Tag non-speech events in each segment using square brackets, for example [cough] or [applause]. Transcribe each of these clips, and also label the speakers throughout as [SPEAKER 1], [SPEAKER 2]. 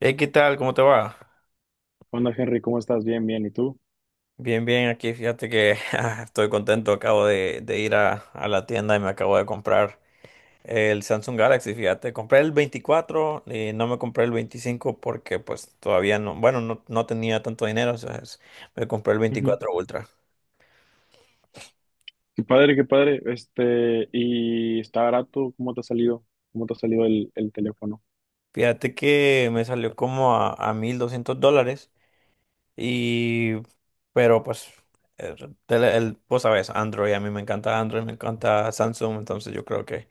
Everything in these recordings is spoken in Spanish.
[SPEAKER 1] Hey, ¿qué tal? ¿Cómo te va?
[SPEAKER 2] Hola Henry, ¿cómo estás? Bien, bien. ¿Y tú?
[SPEAKER 1] Bien, bien, aquí fíjate que [laughs] estoy contento, acabo de ir a la tienda y me acabo de comprar el Samsung Galaxy, fíjate, compré el 24 y no me compré el 25 porque pues todavía no, bueno, no tenía tanto dinero, o sea, me compré el
[SPEAKER 2] Ujú.
[SPEAKER 1] 24 Ultra.
[SPEAKER 2] Qué padre, qué padre. Este, y está barato. ¿Cómo te ha salido? ¿Cómo te ha salido el teléfono?
[SPEAKER 1] Fíjate que me salió como a $1,200 y, pero pues, el, vos sabes, Android, a mí me encanta Android, me encanta Samsung, entonces yo creo que...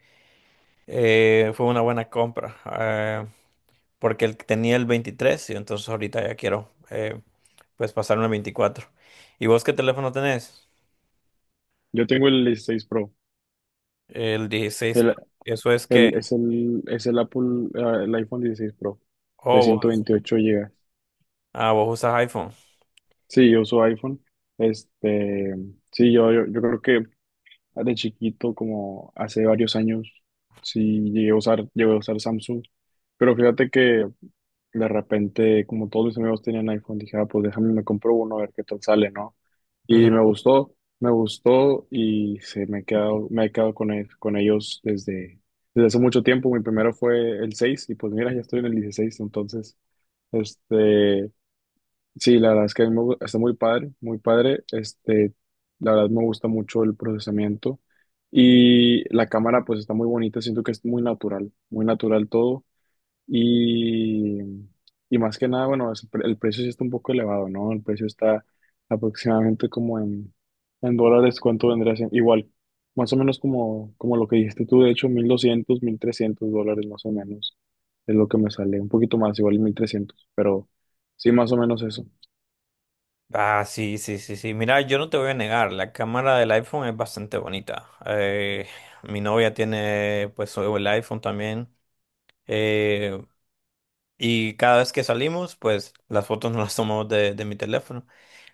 [SPEAKER 1] Fue una buena compra, porque tenía el 23 y entonces ahorita ya quiero pues pasarme al 24. ¿Y vos qué teléfono tenés?
[SPEAKER 2] Yo tengo el 16 Pro.
[SPEAKER 1] El 16.
[SPEAKER 2] El,
[SPEAKER 1] Pro. Eso es que...
[SPEAKER 2] es el Apple, ah, el iPhone 16 Pro de
[SPEAKER 1] Oh,
[SPEAKER 2] ciento veintiocho GB.
[SPEAKER 1] vos usas iPhone.
[SPEAKER 2] Sí, yo uso iPhone. Este, sí, yo creo que de chiquito, como hace varios años, sí llegué a usar Samsung. Pero fíjate que de repente, como todos mis amigos tenían iPhone, dije, ah, pues déjame, me compro uno a ver qué tal sale, ¿no?
[SPEAKER 1] Ujú.
[SPEAKER 2] Y me gustó y se me he quedado con ellos desde hace mucho tiempo. Mi primero fue el 6 y pues mira, ya estoy en el 16 entonces, este, sí, la verdad es que a mí me gu- está muy padre, muy padre. Este, la verdad me gusta mucho el procesamiento y la cámara pues está muy bonita, siento que es muy natural todo. Y, y más que nada, bueno, el precio sí está un poco elevado, ¿no? El precio está aproximadamente como en dólares, ¿cuánto vendría siendo? Igual, más o menos como lo que dijiste tú, de hecho, 1.200 1.300 dólares más o menos es lo que me sale, un poquito más, igual 1.300 pero sí, más o menos eso.
[SPEAKER 1] Ah, sí, sí, sí, sí. Mira, yo no te voy a negar, la cámara del iPhone es bastante bonita. Mi novia tiene pues el iPhone también. Eh, Y cada vez que salimos, pues las fotos no las tomamos de mi teléfono,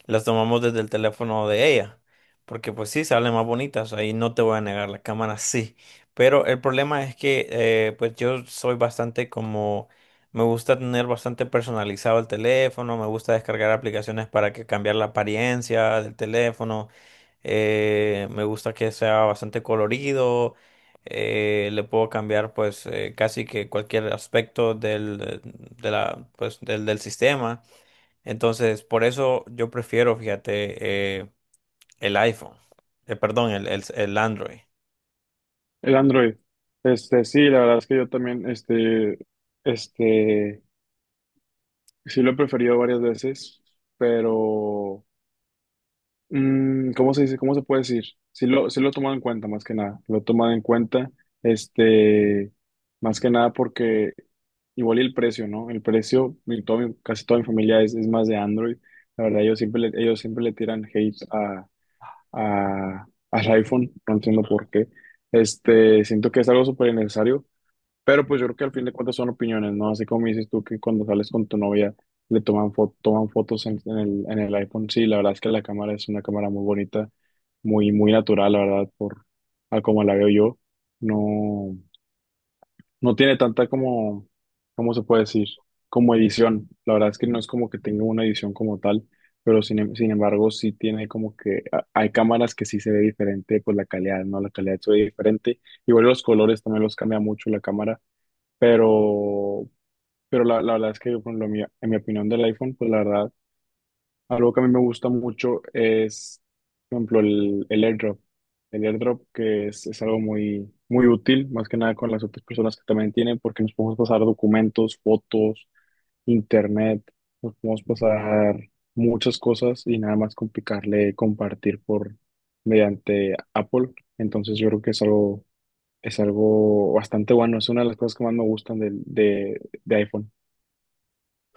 [SPEAKER 1] las tomamos desde el teléfono de ella, porque pues sí, salen más bonitas, ahí no te voy a negar, la cámara sí, pero el problema es que pues yo soy bastante como, me gusta tener bastante personalizado el teléfono, me gusta descargar aplicaciones para que cambiar la apariencia del teléfono, me gusta que sea bastante colorido. Le puedo cambiar pues casi que cualquier aspecto pues, del sistema. Entonces, por eso yo prefiero, fíjate, el iPhone. Perdón, el Android.
[SPEAKER 2] El Android, este, sí, la verdad es que yo también, este, sí lo he preferido varias veces, pero... Mm, ¿cómo se dice? ¿Cómo se puede decir? Sí lo toman en cuenta, más que nada. Lo toman en cuenta, este, más que nada porque igual y el precio, ¿no? El precio, casi toda mi familia es más de Android. La verdad, ellos siempre le tiran hate al iPhone. No entiendo por qué. Este, siento que es algo súper innecesario pero pues yo creo que al fin de cuentas son opiniones, ¿no? Así como dices tú que cuando sales con tu novia toman fotos en el iPhone. Sí, la verdad es que la cámara es una cámara muy bonita, muy, muy natural, la verdad, por a como la veo yo. No, no tiene tanta como, ¿cómo se puede decir? Como edición. La verdad es que no es como que tenga una edición como tal, pero sin embargo sí tiene como que, hay cámaras que sí se ve diferente, pues la calidad, ¿no? La calidad se ve diferente. Igual los colores también los cambia mucho la cámara pero, pero la verdad es que con lo mío, en mi opinión del iPhone, pues la verdad, algo que a mí me gusta mucho es, por ejemplo, el AirDrop. El AirDrop que es algo muy, muy útil, más que nada con las otras personas que también tienen, porque nos podemos pasar documentos, fotos, internet, nos podemos pasar muchas cosas y nada más complicarle compartir por mediante Apple. Entonces yo creo que es algo bastante bueno, es una de las cosas que más me gustan de iPhone.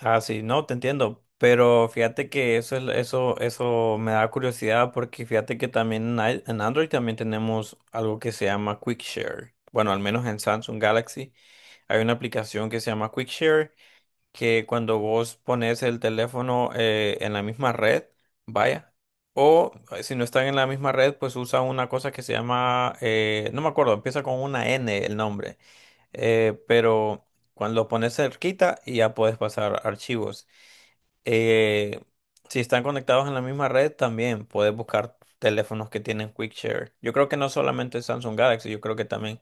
[SPEAKER 1] Ah, sí, no, te entiendo, pero fíjate que eso, es eso, eso me da curiosidad porque fíjate que también en Android también tenemos algo que se llama QuickShare. Bueno, al menos en Samsung Galaxy hay una aplicación que se llama QuickShare que cuando vos pones el teléfono en la misma red, vaya, o si no están en la misma red, pues usa una cosa que se llama, no me acuerdo, empieza con una N el nombre, pero... Cuando lo pones cerquita y ya puedes pasar archivos. Eh, si están conectados en la misma red, también puedes buscar teléfonos que tienen Quick Share. Yo creo que no solamente Samsung Galaxy, yo creo que también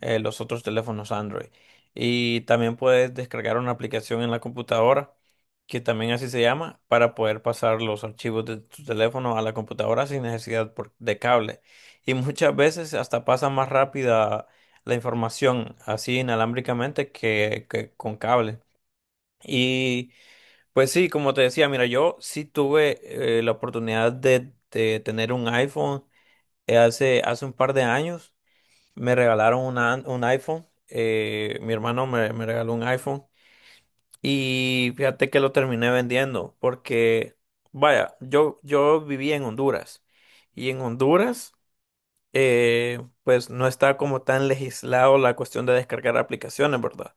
[SPEAKER 1] los otros teléfonos Android. Y también puedes descargar una aplicación en la computadora, que también así se llama, para poder pasar los archivos de tu teléfono a la computadora sin necesidad de cable. Y muchas veces hasta pasa más rápida la información así inalámbricamente que con cable. Pues sí, como te decía, mira, yo sí tuve la oportunidad de tener un iPhone hace, hace un par de años. Me regalaron un iPhone, mi hermano me regaló un iPhone y fíjate que lo terminé vendiendo porque, vaya, yo vivía en Honduras y en Honduras pues no está como tan legislado la cuestión de descargar aplicaciones, ¿verdad?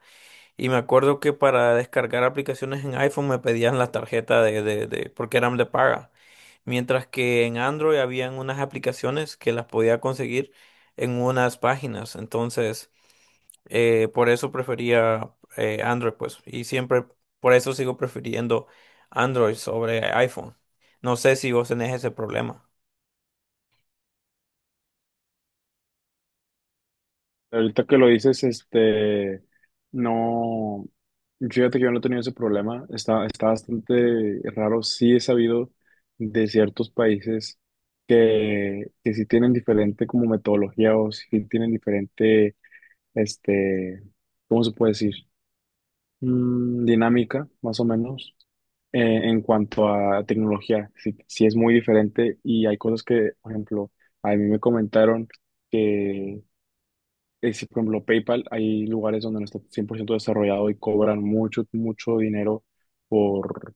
[SPEAKER 1] Y me acuerdo que para descargar aplicaciones en iPhone me pedían la tarjeta porque eran de paga. Mientras que en Android habían unas aplicaciones que las podía conseguir en unas páginas. Entonces, por eso prefería Android, pues. Y siempre, por eso sigo prefiriendo Android sobre iPhone. No sé si vos tenés ese problema.
[SPEAKER 2] Ahorita que lo dices, este, no, fíjate que yo no he tenido ese problema, está bastante raro, sí he sabido de ciertos países que sí tienen diferente como metodología o sí tienen diferente, este, ¿cómo se puede decir? Dinámica, más o menos, en cuanto a tecnología. Sí, sí es muy diferente y hay cosas que, por ejemplo, a mí me comentaron que, si, por ejemplo, PayPal, hay lugares donde no está 100% desarrollado y cobran mucho, mucho dinero por,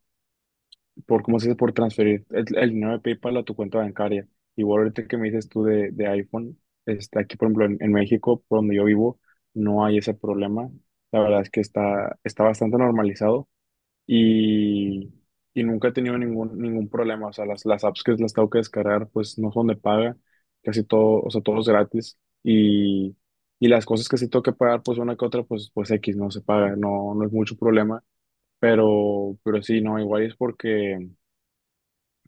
[SPEAKER 2] por ¿cómo se dice?, por transferir el dinero de PayPal a tu cuenta bancaria. Igual ahorita que me dices tú de iPhone, está aquí, por ejemplo, en México, por donde yo vivo, no hay ese problema. La verdad es que está bastante normalizado y, y nunca he tenido ningún problema. O sea, las apps que las tengo que descargar, pues no son de paga, casi todo, o sea, todo es gratis. Y, y las cosas que sí tengo que pagar, pues una que otra, pues X no se paga, no, no es mucho problema. Pero sí, no, igual es porque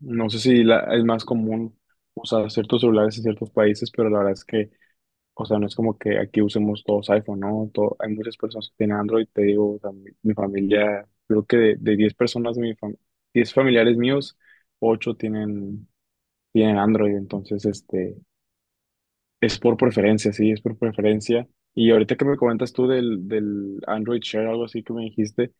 [SPEAKER 2] no sé si la- es más común usar ciertos celulares en ciertos países, pero la verdad es que o sea, no es como que aquí usemos todos iPhone, ¿no? Hay muchas personas que tienen Android, te digo, o sea, mi familia, creo que de 10 personas, 10 familiares míos, 8 tienen Android, entonces, este, es por preferencia, sí, es por preferencia. Y ahorita que me comentas tú del Android Share, algo así que me dijiste,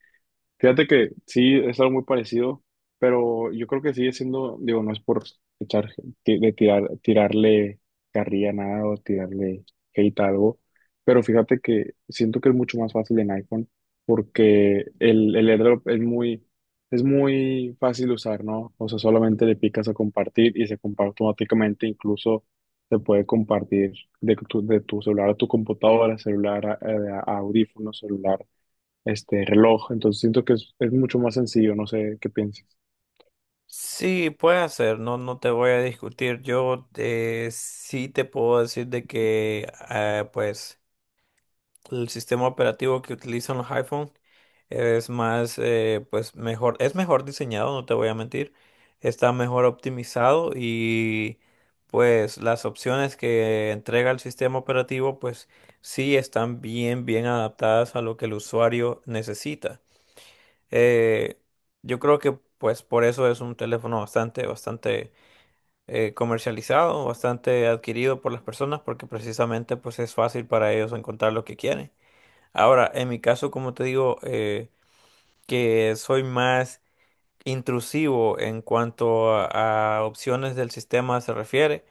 [SPEAKER 2] fíjate que sí, es algo muy parecido, pero yo creo que sigue siendo, digo, no es por echar, ti- de tirar, tirarle carrilla a nada o tirarle hate a algo, pero fíjate que siento que es mucho más fácil en iPhone porque el AirDrop es muy fácil de usar, ¿no? O sea, solamente le picas a compartir y se comparte automáticamente, incluso se puede compartir de tu celular a tu computadora, celular a audífono, celular este reloj, entonces siento que es mucho más sencillo, no sé qué piensas.
[SPEAKER 1] Sí, puede ser, no, no te voy a discutir. Yo sí te puedo decir de que, pues. El sistema operativo que utilizan los iPhone es más, pues mejor, es mejor diseñado, no te voy a mentir, está mejor optimizado y pues las opciones que entrega el sistema operativo pues sí están bien, bien adaptadas a lo que el usuario necesita. Eh, yo creo que pues por eso es un teléfono bastante, bastante comercializado, bastante adquirido por las personas porque precisamente pues es fácil para ellos encontrar lo que quieren. Ahora, en mi caso, como te digo, que soy más intrusivo en cuanto a opciones del sistema se refiere,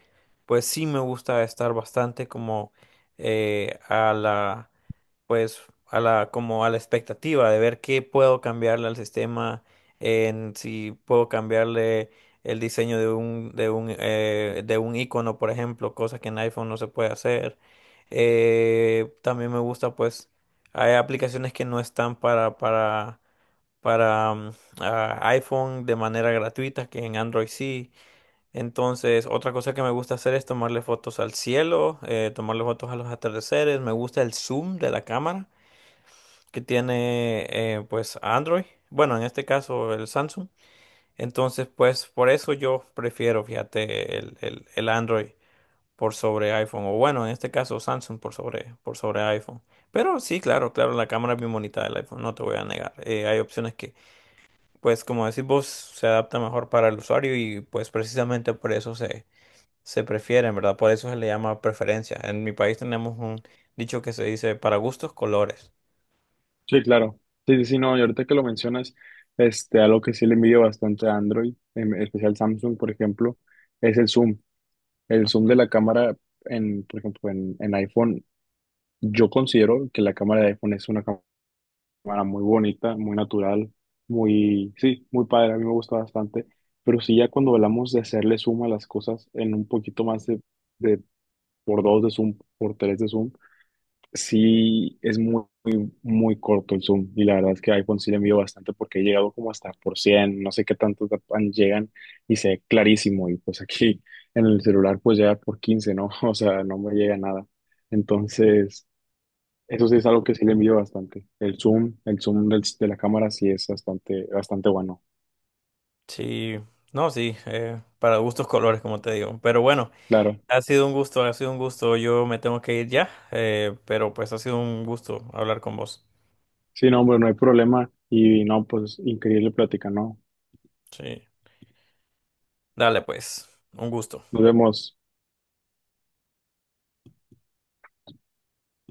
[SPEAKER 1] pues sí me gusta estar bastante como eh, a la pues a la como a la expectativa de ver qué puedo cambiarle al sistema, en si puedo cambiarle el diseño de un icono, por ejemplo, cosas que en iPhone no se puede hacer. También me gusta pues hay aplicaciones que no están para para mm, iPhone de manera gratuita, que en Android sí. Entonces, otra cosa que me gusta hacer es tomarle fotos al cielo, tomarle fotos a los atardeceres. Me gusta el zoom de la cámara que tiene pues Android, bueno, en este caso el Samsung. Entonces, pues por eso yo prefiero, fíjate, el Android por sobre iPhone, o bueno, en este caso Samsung por sobre iPhone. Pero sí, claro, claro, la cámara es bien bonita del iPhone, no te voy a negar. Hay opciones que, pues como decís vos, se adapta mejor para el usuario y pues precisamente por eso se prefieren, ¿verdad? Por eso se le llama preferencia. En mi país tenemos un dicho que se dice para gustos, colores.
[SPEAKER 2] Sí, claro. Sí, sí, sí, no, y ahorita que lo mencionas, este, algo que sí le envidio bastante a Android, en especial Samsung, por ejemplo, es el zoom. El zoom de la cámara en, por ejemplo, en iPhone, yo considero que la cámara de iPhone es una cámara muy bonita, muy natural, muy, sí, muy padre, a mí me gusta bastante, pero sí ya cuando hablamos de hacerle zoom a las cosas en un poquito más de por dos de zoom, por tres de zoom, sí, es muy, muy, muy corto el zoom y la verdad es que iPhone sí le envío bastante porque he llegado como hasta por 100, no sé qué tantos llegan y se ve clarísimo y pues aquí en el celular pues llega por 15, ¿no? [laughs] O sea, no me llega nada. Entonces, eso sí es algo que sí le envío bastante. El zoom de la cámara sí es bastante, bastante bueno.
[SPEAKER 1] Sí, no, sí, para gustos colores, como te digo. Pero bueno,
[SPEAKER 2] Claro.
[SPEAKER 1] ha sido un gusto, ha sido un gusto. Yo me tengo que ir ya, pero pues ha sido un gusto hablar con vos.
[SPEAKER 2] Sí, no, hombre, no hay problema y no, pues increíble plática, ¿no?
[SPEAKER 1] Sí, dale pues, un gusto.
[SPEAKER 2] Nos vemos.